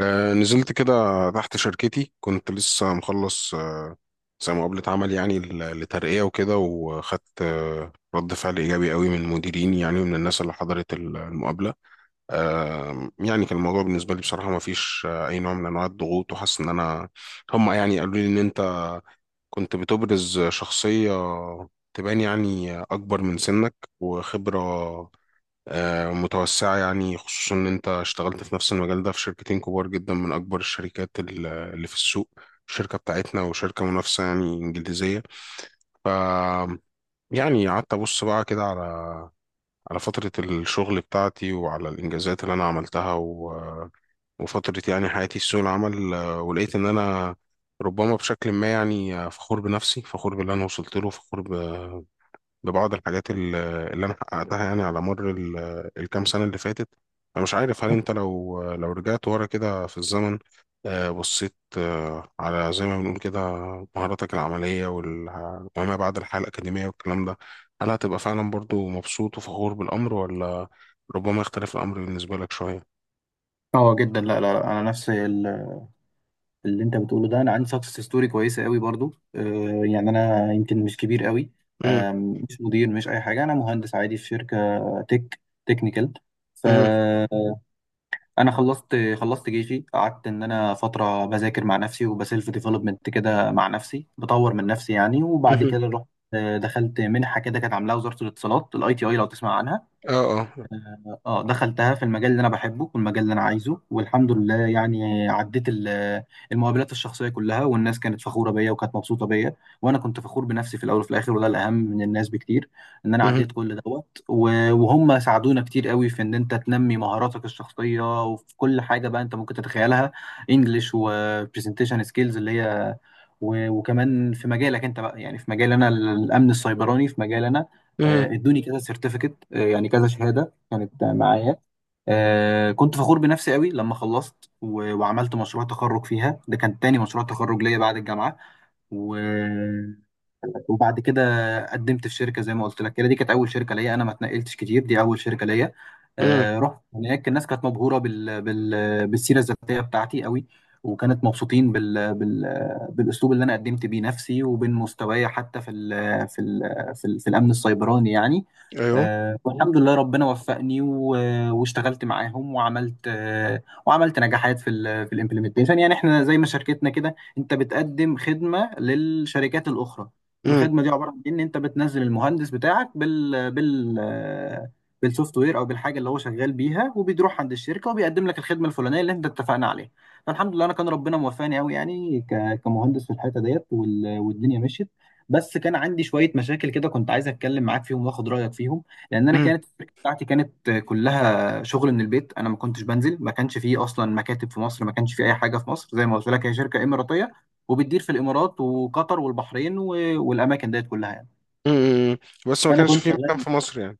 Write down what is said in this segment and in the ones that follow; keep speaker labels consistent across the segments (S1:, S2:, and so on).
S1: نزلت كده تحت شركتي كنت لسه مخلص زي مقابلة عمل يعني لترقية وكده وخدت رد فعل إيجابي قوي من مديريني يعني ومن الناس اللي حضرت المقابلة. يعني كان الموضوع بالنسبة لي بصراحة ما فيش أي نوع من أنواع الضغوط وحاسس إن أنا هم يعني قالوا لي إن أنت كنت بتبرز شخصية تبان يعني أكبر من سنك وخبرة متوسعة يعني خصوصا إن أنت اشتغلت في نفس المجال ده في شركتين كبار جدا من أكبر الشركات اللي في السوق، الشركة بتاعتنا وشركة منافسة يعني إنجليزية. ف يعني قعدت أبص بقى كده على فترة الشغل بتاعتي وعلى الإنجازات اللي أنا عملتها وفترة يعني حياتي في سوق العمل، ولقيت إن أنا ربما بشكل ما يعني فخور بنفسي، فخور باللي أنا وصلت له، فخور ببعض الحاجات اللي انا حققتها يعني على مر الكام سنه اللي فاتت. انا مش عارف هل انت لو رجعت ورا كده في الزمن، بصيت على، زي ما بنقول كده، مهاراتك العمليه وما بعد الحياه الاكاديميه والكلام ده، هل هتبقى فعلا برضو مبسوط وفخور بالامر؟ ولا ربما يختلف الامر بالنسبه لك شويه؟
S2: اه جدا لا لا لا، انا نفس اللي انت بتقوله ده. انا عندي سكسس ستوري كويسه قوي برضو. يعني انا يمكن مش كبير قوي.
S1: مم.
S2: مش مدير مش اي حاجه. انا مهندس عادي في شركه تك تكنيكال.
S1: مم.
S2: فانا خلصت جيشي. قعدت ان انا فتره بذاكر مع نفسي وبسيلف ديفلوبمنت كده مع نفسي، بطور من نفسي يعني. وبعد
S1: مم.
S2: كده رحت دخلت منحه كده كانت عاملاها وزاره الاتصالات، ITI، لو تسمع عنها.
S1: اه اه.
S2: اه دخلتها في المجال اللي انا بحبه والمجال اللي انا عايزه. والحمد لله يعني عديت المقابلات الشخصيه كلها، والناس كانت فخوره بيا وكانت مبسوطه بيا. وانا كنت فخور بنفسي في الاول وفي الاخر، وده الاهم من الناس بكتير. ان انا
S1: مم.
S2: عديت كل دوت، و- وهم ساعدونا كتير قوي في ان انت تنمي مهاراتك الشخصيه وفي كل حاجه بقى انت ممكن تتخيلها، انجلش وبرزنتيشن سكيلز اللي هي. و- وكمان في مجالك انت بقى، يعني في مجال انا الامن السيبراني، في مجال انا
S1: مم.
S2: ادوني كذا سيرتيفيكت، يعني كذا شهاده كانت معايا. آه كنت فخور بنفسي قوي لما خلصت و... وعملت مشروع تخرج فيها. ده كان تاني مشروع تخرج ليا بعد الجامعة. و... لك. وبعد كده قدمت في شركه زي ما قلت لك كده. دي كانت اول شركه ليا، انا ما اتنقلتش كتير، دي اول شركه ليا.
S1: مم.
S2: رحت هناك، الناس كانت مبهوره بالسيره الذاتيه بتاعتي قوي. وكانت مبسوطين بالاسلوب اللي انا قدمت بيه نفسي، وبين مستواي حتى في الامن السيبراني يعني.
S1: ايوه.
S2: والحمد لله ربنا وفقني واشتغلت معاهم، وعملت نجاحات في الامبلمنتيشن. يعني احنا زي ما شركتنا كده، انت بتقدم خدمه للشركات الاخرى.
S1: مم.
S2: الخدمه دي عباره عن إيه؟ ان انت بتنزل المهندس بتاعك بالسوفت وير او بالحاجه اللي هو شغال بيها، وبيروح عند الشركه وبيقدم لك الخدمه الفلانيه اللي انت اتفقنا عليها. فالحمد لله انا كان ربنا موفقني قوي يعني كمهندس في الحته ديت، وال- والدنيا مشيت. بس كان عندي شويه مشاكل كده، كنت عايز اتكلم معاك فيهم واخد رايك فيهم. لان انا
S1: مم.
S2: كانت الشركه بتاعتي كانت كلها شغل من البيت. انا ما كنتش بنزل، ما كانش فيه اصلا مكاتب في مصر، ما كانش فيه اي حاجه في مصر زي ما قلت لك. هي شركه اماراتيه، وبتدير في الامارات وقطر والبحرين و- والاماكن ديت كلها يعني.
S1: مم. مم. بس ما
S2: فانا
S1: كانش
S2: كنت
S1: في مكان
S2: شغال،
S1: في مصر يعني؟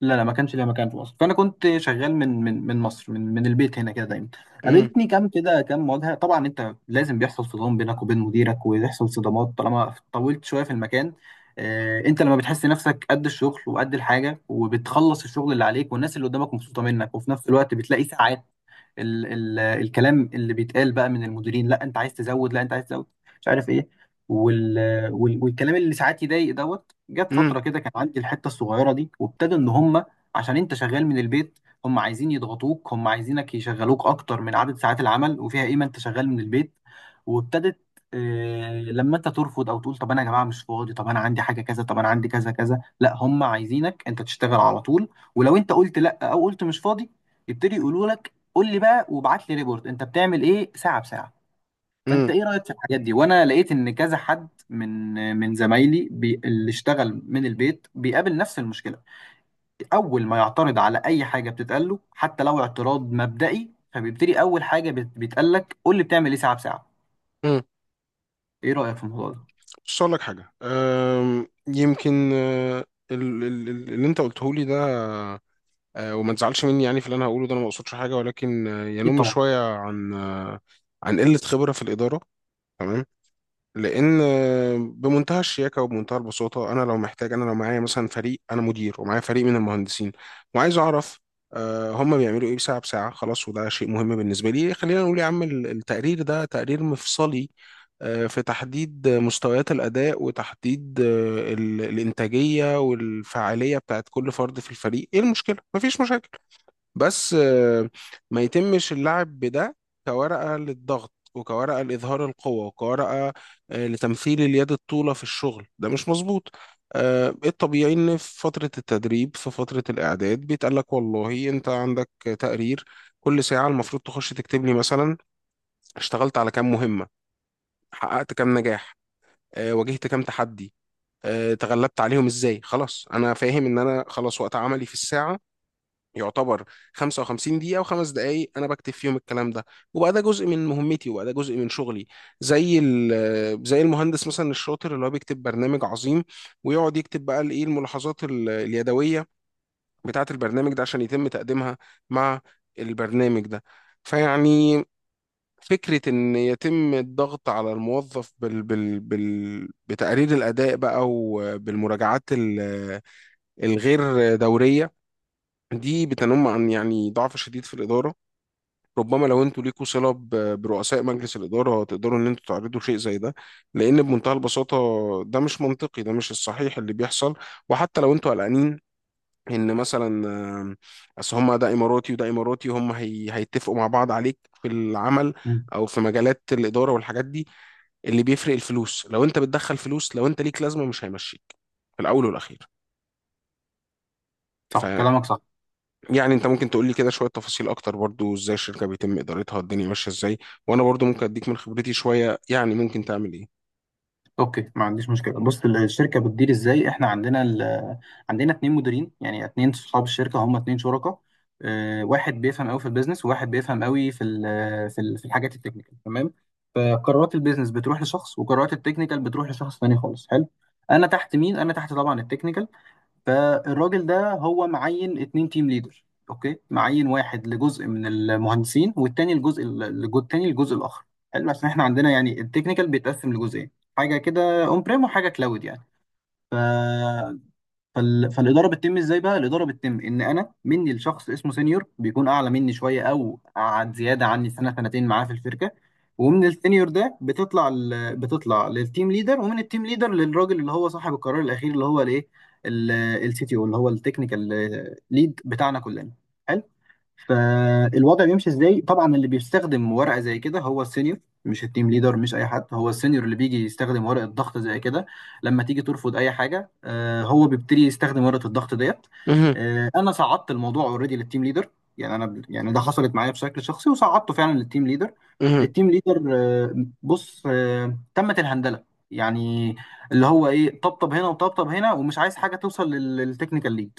S2: لا لا ما كانش ليا مكان في مصر. فانا كنت شغال من مصر، من من البيت هنا كده دايما.
S1: مم.
S2: قابلتني كام كده، كام مواجهه. طبعا انت لازم بيحصل صدام بينك وبين مديرك، ويحصل صدامات طالما طولت شويه في المكان. انت لما بتحس نفسك قد الشغل وقد الحاجه، وبتخلص الشغل اللي عليك، والناس اللي قدامك مبسوطه منك، وفي نفس الوقت بتلاقي ساعات ال ال الكلام اللي بيتقال بقى من المديرين، لا انت عايز تزود، لا انت عايز تزود، مش عارف ايه، وال وال- والكلام اللي ساعات يضايق دوت. جت
S1: مم.
S2: فتره كده كان عندي الحته الصغيره دي، وابتدى ان هم، عشان انت شغال من البيت، هم عايزين يضغطوك، هم عايزينك يشغلوك اكتر من عدد ساعات العمل. وفيها قيمه انت شغال من البيت. وابتدت لما انت ترفض او تقول طب انا يا جماعه مش فاضي، طب انا عندي حاجه كذا، طب انا عندي كذا كذا، لا هم عايزينك انت تشتغل على طول. ولو انت قلت لا او قلت مش فاضي، يبتدي يقولوا لك قول لي بقى وابعت لي ريبورت انت بتعمل ايه ساعه بساعه. فانت
S1: مم.
S2: ايه رايك في الحاجات دي؟ وانا لقيت ان كذا حد من من زمايلي بي اللي اشتغل من البيت بيقابل نفس المشكله. اول ما يعترض على اي حاجه بتتقال له، حتى لو اعتراض مبدئي، فبيبتدي اول حاجه بيتقال لك قول لي بتعمل ايه ساعه بساعه.
S1: امم.
S2: ايه رايك في الموضوع ده؟
S1: بص اقول لك حاجه، يمكن اللي انت قلته لي ده، وما تزعلش مني يعني في اللي انا هقوله ده، انا ما اقصدش حاجه ولكن
S2: اكيد
S1: ينم
S2: طبعا.
S1: شويه عن عن قله خبره في الاداره. تمام. لان بمنتهى الشياكه وبمنتهى البساطه، انا لو محتاج، انا لو معايا مثلا فريق، انا مدير ومعايا فريق من المهندسين وعايز اعرف هم بيعملوا ايه ساعه بساعه، خلاص، وده شيء مهم بالنسبه لي، خلينا نقول يا عم التقرير ده تقرير مفصلي في تحديد مستويات الاداء وتحديد الانتاجيه والفعاليه بتاعت كل فرد في الفريق، ايه المشكله؟ مفيش مشاكل. بس ما يتمش اللعب بده كورقة للضغط وكورقة لإظهار القوة وكورقة لتمثيل اليد الطولة في الشغل، ده مش مظبوط. الطبيعي إن في فترة التدريب، في فترة الإعداد، بيتقال لك والله أنت عندك تقرير كل ساعة المفروض تخش تكتب لي مثلا اشتغلت على كام مهمة، حققت كام نجاح، واجهت كام تحدي، تغلبت عليهم ازاي. خلاص انا فاهم ان انا خلاص وقت عملي في الساعة يعتبر 55 دقيقة وخمس دقايق أنا بكتب فيهم الكلام ده، وبقى ده جزء من مهمتي وبقى ده جزء من شغلي، زي زي المهندس مثلا الشاطر اللي هو بيكتب برنامج عظيم ويقعد يكتب بقى الإيه الملاحظات اليدوية بتاعة البرنامج ده عشان يتم تقديمها مع البرنامج ده. فيعني فكرة إن يتم الضغط على الموظف بال بال بال بتقرير الأداء بقى وبالمراجعات الغير دورية دي بتنم عن يعني ضعف شديد في الإدارة. ربما لو انتوا ليكوا صلة برؤساء مجلس الإدارة تقدروا ان انتوا تعرضوا شيء زي ده، لأن بمنتهى البساطة ده مش منطقي، ده مش الصحيح اللي بيحصل. وحتى لو انتوا قلقانين ان مثلا اصل هم ده اماراتي وده اماراتي هي هيتفقوا مع بعض عليك في العمل
S2: مم.
S1: او في مجالات الإدارة والحاجات دي، اللي بيفرق الفلوس، لو انت بتدخل فلوس لو انت ليك لازمة مش هيمشيك في الأول والأخير.
S2: صح كلامك صح.
S1: يعني انت ممكن تقول لي كده شوية تفاصيل اكتر برضو ازاي الشركة بيتم ادارتها، الدنيا ماشية ازاي، وانا برضو ممكن اديك من خبرتي شوية يعني ممكن تعمل ايه.
S2: اوكي ما عنديش مشكله. بص الشركه بتدير ازاي؟ احنا عندنا عندنا 2 مديرين، يعني 2 صحاب الشركه، هم 2 شركاء. اه، واحد بيفهم قوي في البيزنس، وواحد بيفهم قوي في الحاجات التكنيكال، تمام. فقرارات البيزنس بتروح لشخص، وقرارات التكنيكال بتروح لشخص تاني خالص. حلو. انا تحت مين؟ انا تحت طبعا التكنيكال. فالراجل ده هو معين 2 تيم ليدر، اوكي، معين واحد لجزء من المهندسين، والتاني الجزء التاني الجزء الاخر. حلو، عشان احنا عندنا يعني التكنيكال بيتقسم لجزئين، حاجه كده اون بريم وحاجه كلاود يعني. ف فالاداره بتتم ازاي بقى؟ الاداره بتتم ان انا مني لشخص اسمه سينيور، بيكون اعلى مني شويه او قعد زياده عني سنة سنتين معاه في الشركه. ومن السينيور ده بتطلع للتيم ليدر، ومن التيم ليدر للراجل اللي هو صاحب القرار الاخير، اللي هو الايه، CTO، اللي هو التكنيكال ليد بتاعنا كلنا. حلو؟ فالوضع بيمشي ازاي؟ طبعا اللي بيستخدم ورقه زي كده هو السينيور، مش التيم ليدر، مش اي حد، هو السينيور اللي بيجي يستخدم ورقه ضغط زي كده. لما تيجي ترفض اي حاجه، هو بيبتدي يستخدم ورقه الضغط ديت.
S1: مهم.
S2: انا صعدت الموضوع اوريدي للتيم ليدر. يعني انا، يعني ده حصلت معايا بشكل شخصي وصعدته فعلا للتيم ليدر.
S1: مهم.
S2: التيم ليدر بص، تمت الهندله، يعني اللي هو ايه، طبطب هنا وطبطب هنا، ومش عايز حاجه توصل للتكنيكال ليد.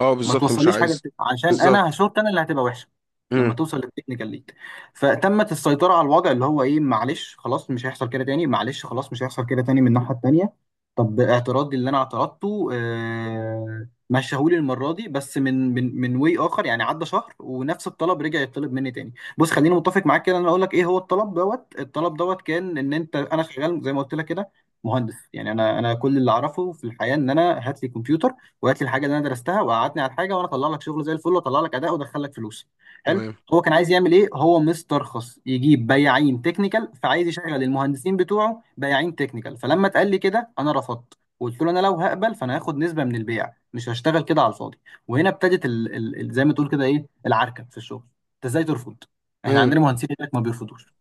S1: اه
S2: ما
S1: بالظبط مش
S2: توصليش حاجه
S1: عايز.
S2: عشان انا
S1: بالظبط.
S2: هشوط، انا اللي هتبقى وحشه لما
S1: مم.
S2: توصل للتكنيكال ليك. فتمت السيطره على الوضع، اللي هو ايه، معلش خلاص مش هيحصل كده تاني، معلش خلاص مش هيحصل كده تاني. من الناحيه التانيه، طب اعتراضي اللي انا اعترضته آه مشاهولي المره دي. بس من واي اخر، يعني عدى شهر ونفس الطلب رجع يطلب مني تاني. بص خليني متفق معاك كده، انا اقول لك ايه هو الطلب دوت. الطلب دوت كان ان انت، انا شغال زي ما قلت لك كده مهندس، يعني انا كل اللي اعرفه في الحياه ان انا هات لي كمبيوتر، وهات لي الحاجه اللي انا درستها، وقعدني على الحاجه وانا اطلع لك شغل زي الفل، واطلع لك اداء، وادخل لك فلوس. حلو.
S1: تمام.
S2: هو كان عايز يعمل ايه؟ هو مسترخص يجيب بياعين تكنيكال، فعايز يشغل المهندسين بتوعه بياعين تكنيكال. فلما اتقال لي كده انا رفضت، وقلت له انا لو هقبل فانا هاخد نسبه من البيع، مش هشتغل كده على الفاضي. وهنا ابتدت زي ما تقول كده ايه العركه في الشغل. انت ازاي ترفض؟ احنا
S1: مم.
S2: عندنا مهندسين هناك ما بيرفضوش.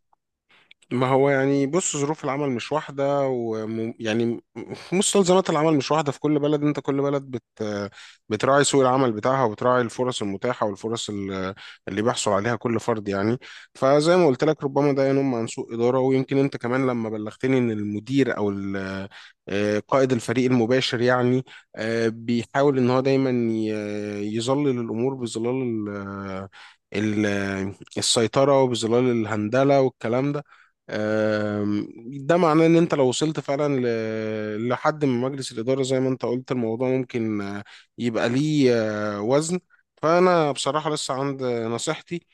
S1: ما هو يعني بص ظروف العمل مش واحدة، ويعني مستلزمات العمل مش واحدة في كل بلد، انت كل بلد بتراعي سوق العمل بتاعها وبتراعي الفرص المتاحة والفرص اللي بيحصل عليها كل فرد يعني. فزي ما قلت لك ربما ده ينم عن سوء إدارة، ويمكن انت كمان لما بلغتني ان المدير او قائد الفريق المباشر يعني بيحاول ان هو دايما يظلل الامور بظلال ال- السيطرة وبظلال الهندلة والكلام ده، آم، ده معناه ان انت لو وصلت فعلا لحد من مجلس الاداره زي ما انت قلت، الموضوع ممكن يبقى ليه وزن. فانا بصراحه لسه عند نصيحتي.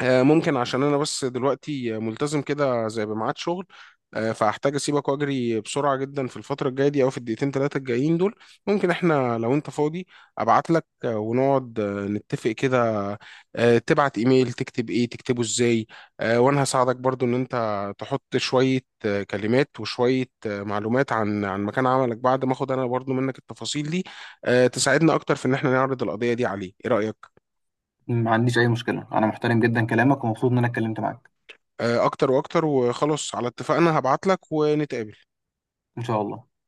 S1: ممكن، عشان انا بس دلوقتي ملتزم كده زي بميعاد شغل، فهحتاج اسيبك واجري بسرعه جدا في الفتره الجايه دي او في الدقيقتين 3 الجايين دول، ممكن احنا لو انت فاضي ابعت لك ونقعد نتفق كده، تبعت ايميل تكتب ايه تكتبه ازاي، وانا هساعدك برضو ان انت تحط شويه كلمات وشويه معلومات عن مكان عملك بعد ما اخد انا برضو منك التفاصيل دي، تساعدنا اكتر في ان احنا نعرض القضيه دي عليه، ايه رايك؟
S2: ما عنديش اي مشكله، انا محترم جدا كلامك ومبسوط ان انا اتكلمت معاك،
S1: اكتر واكتر، وخلاص على اتفاقنا هبعت لك ونتقابل.
S2: ان شاء الله.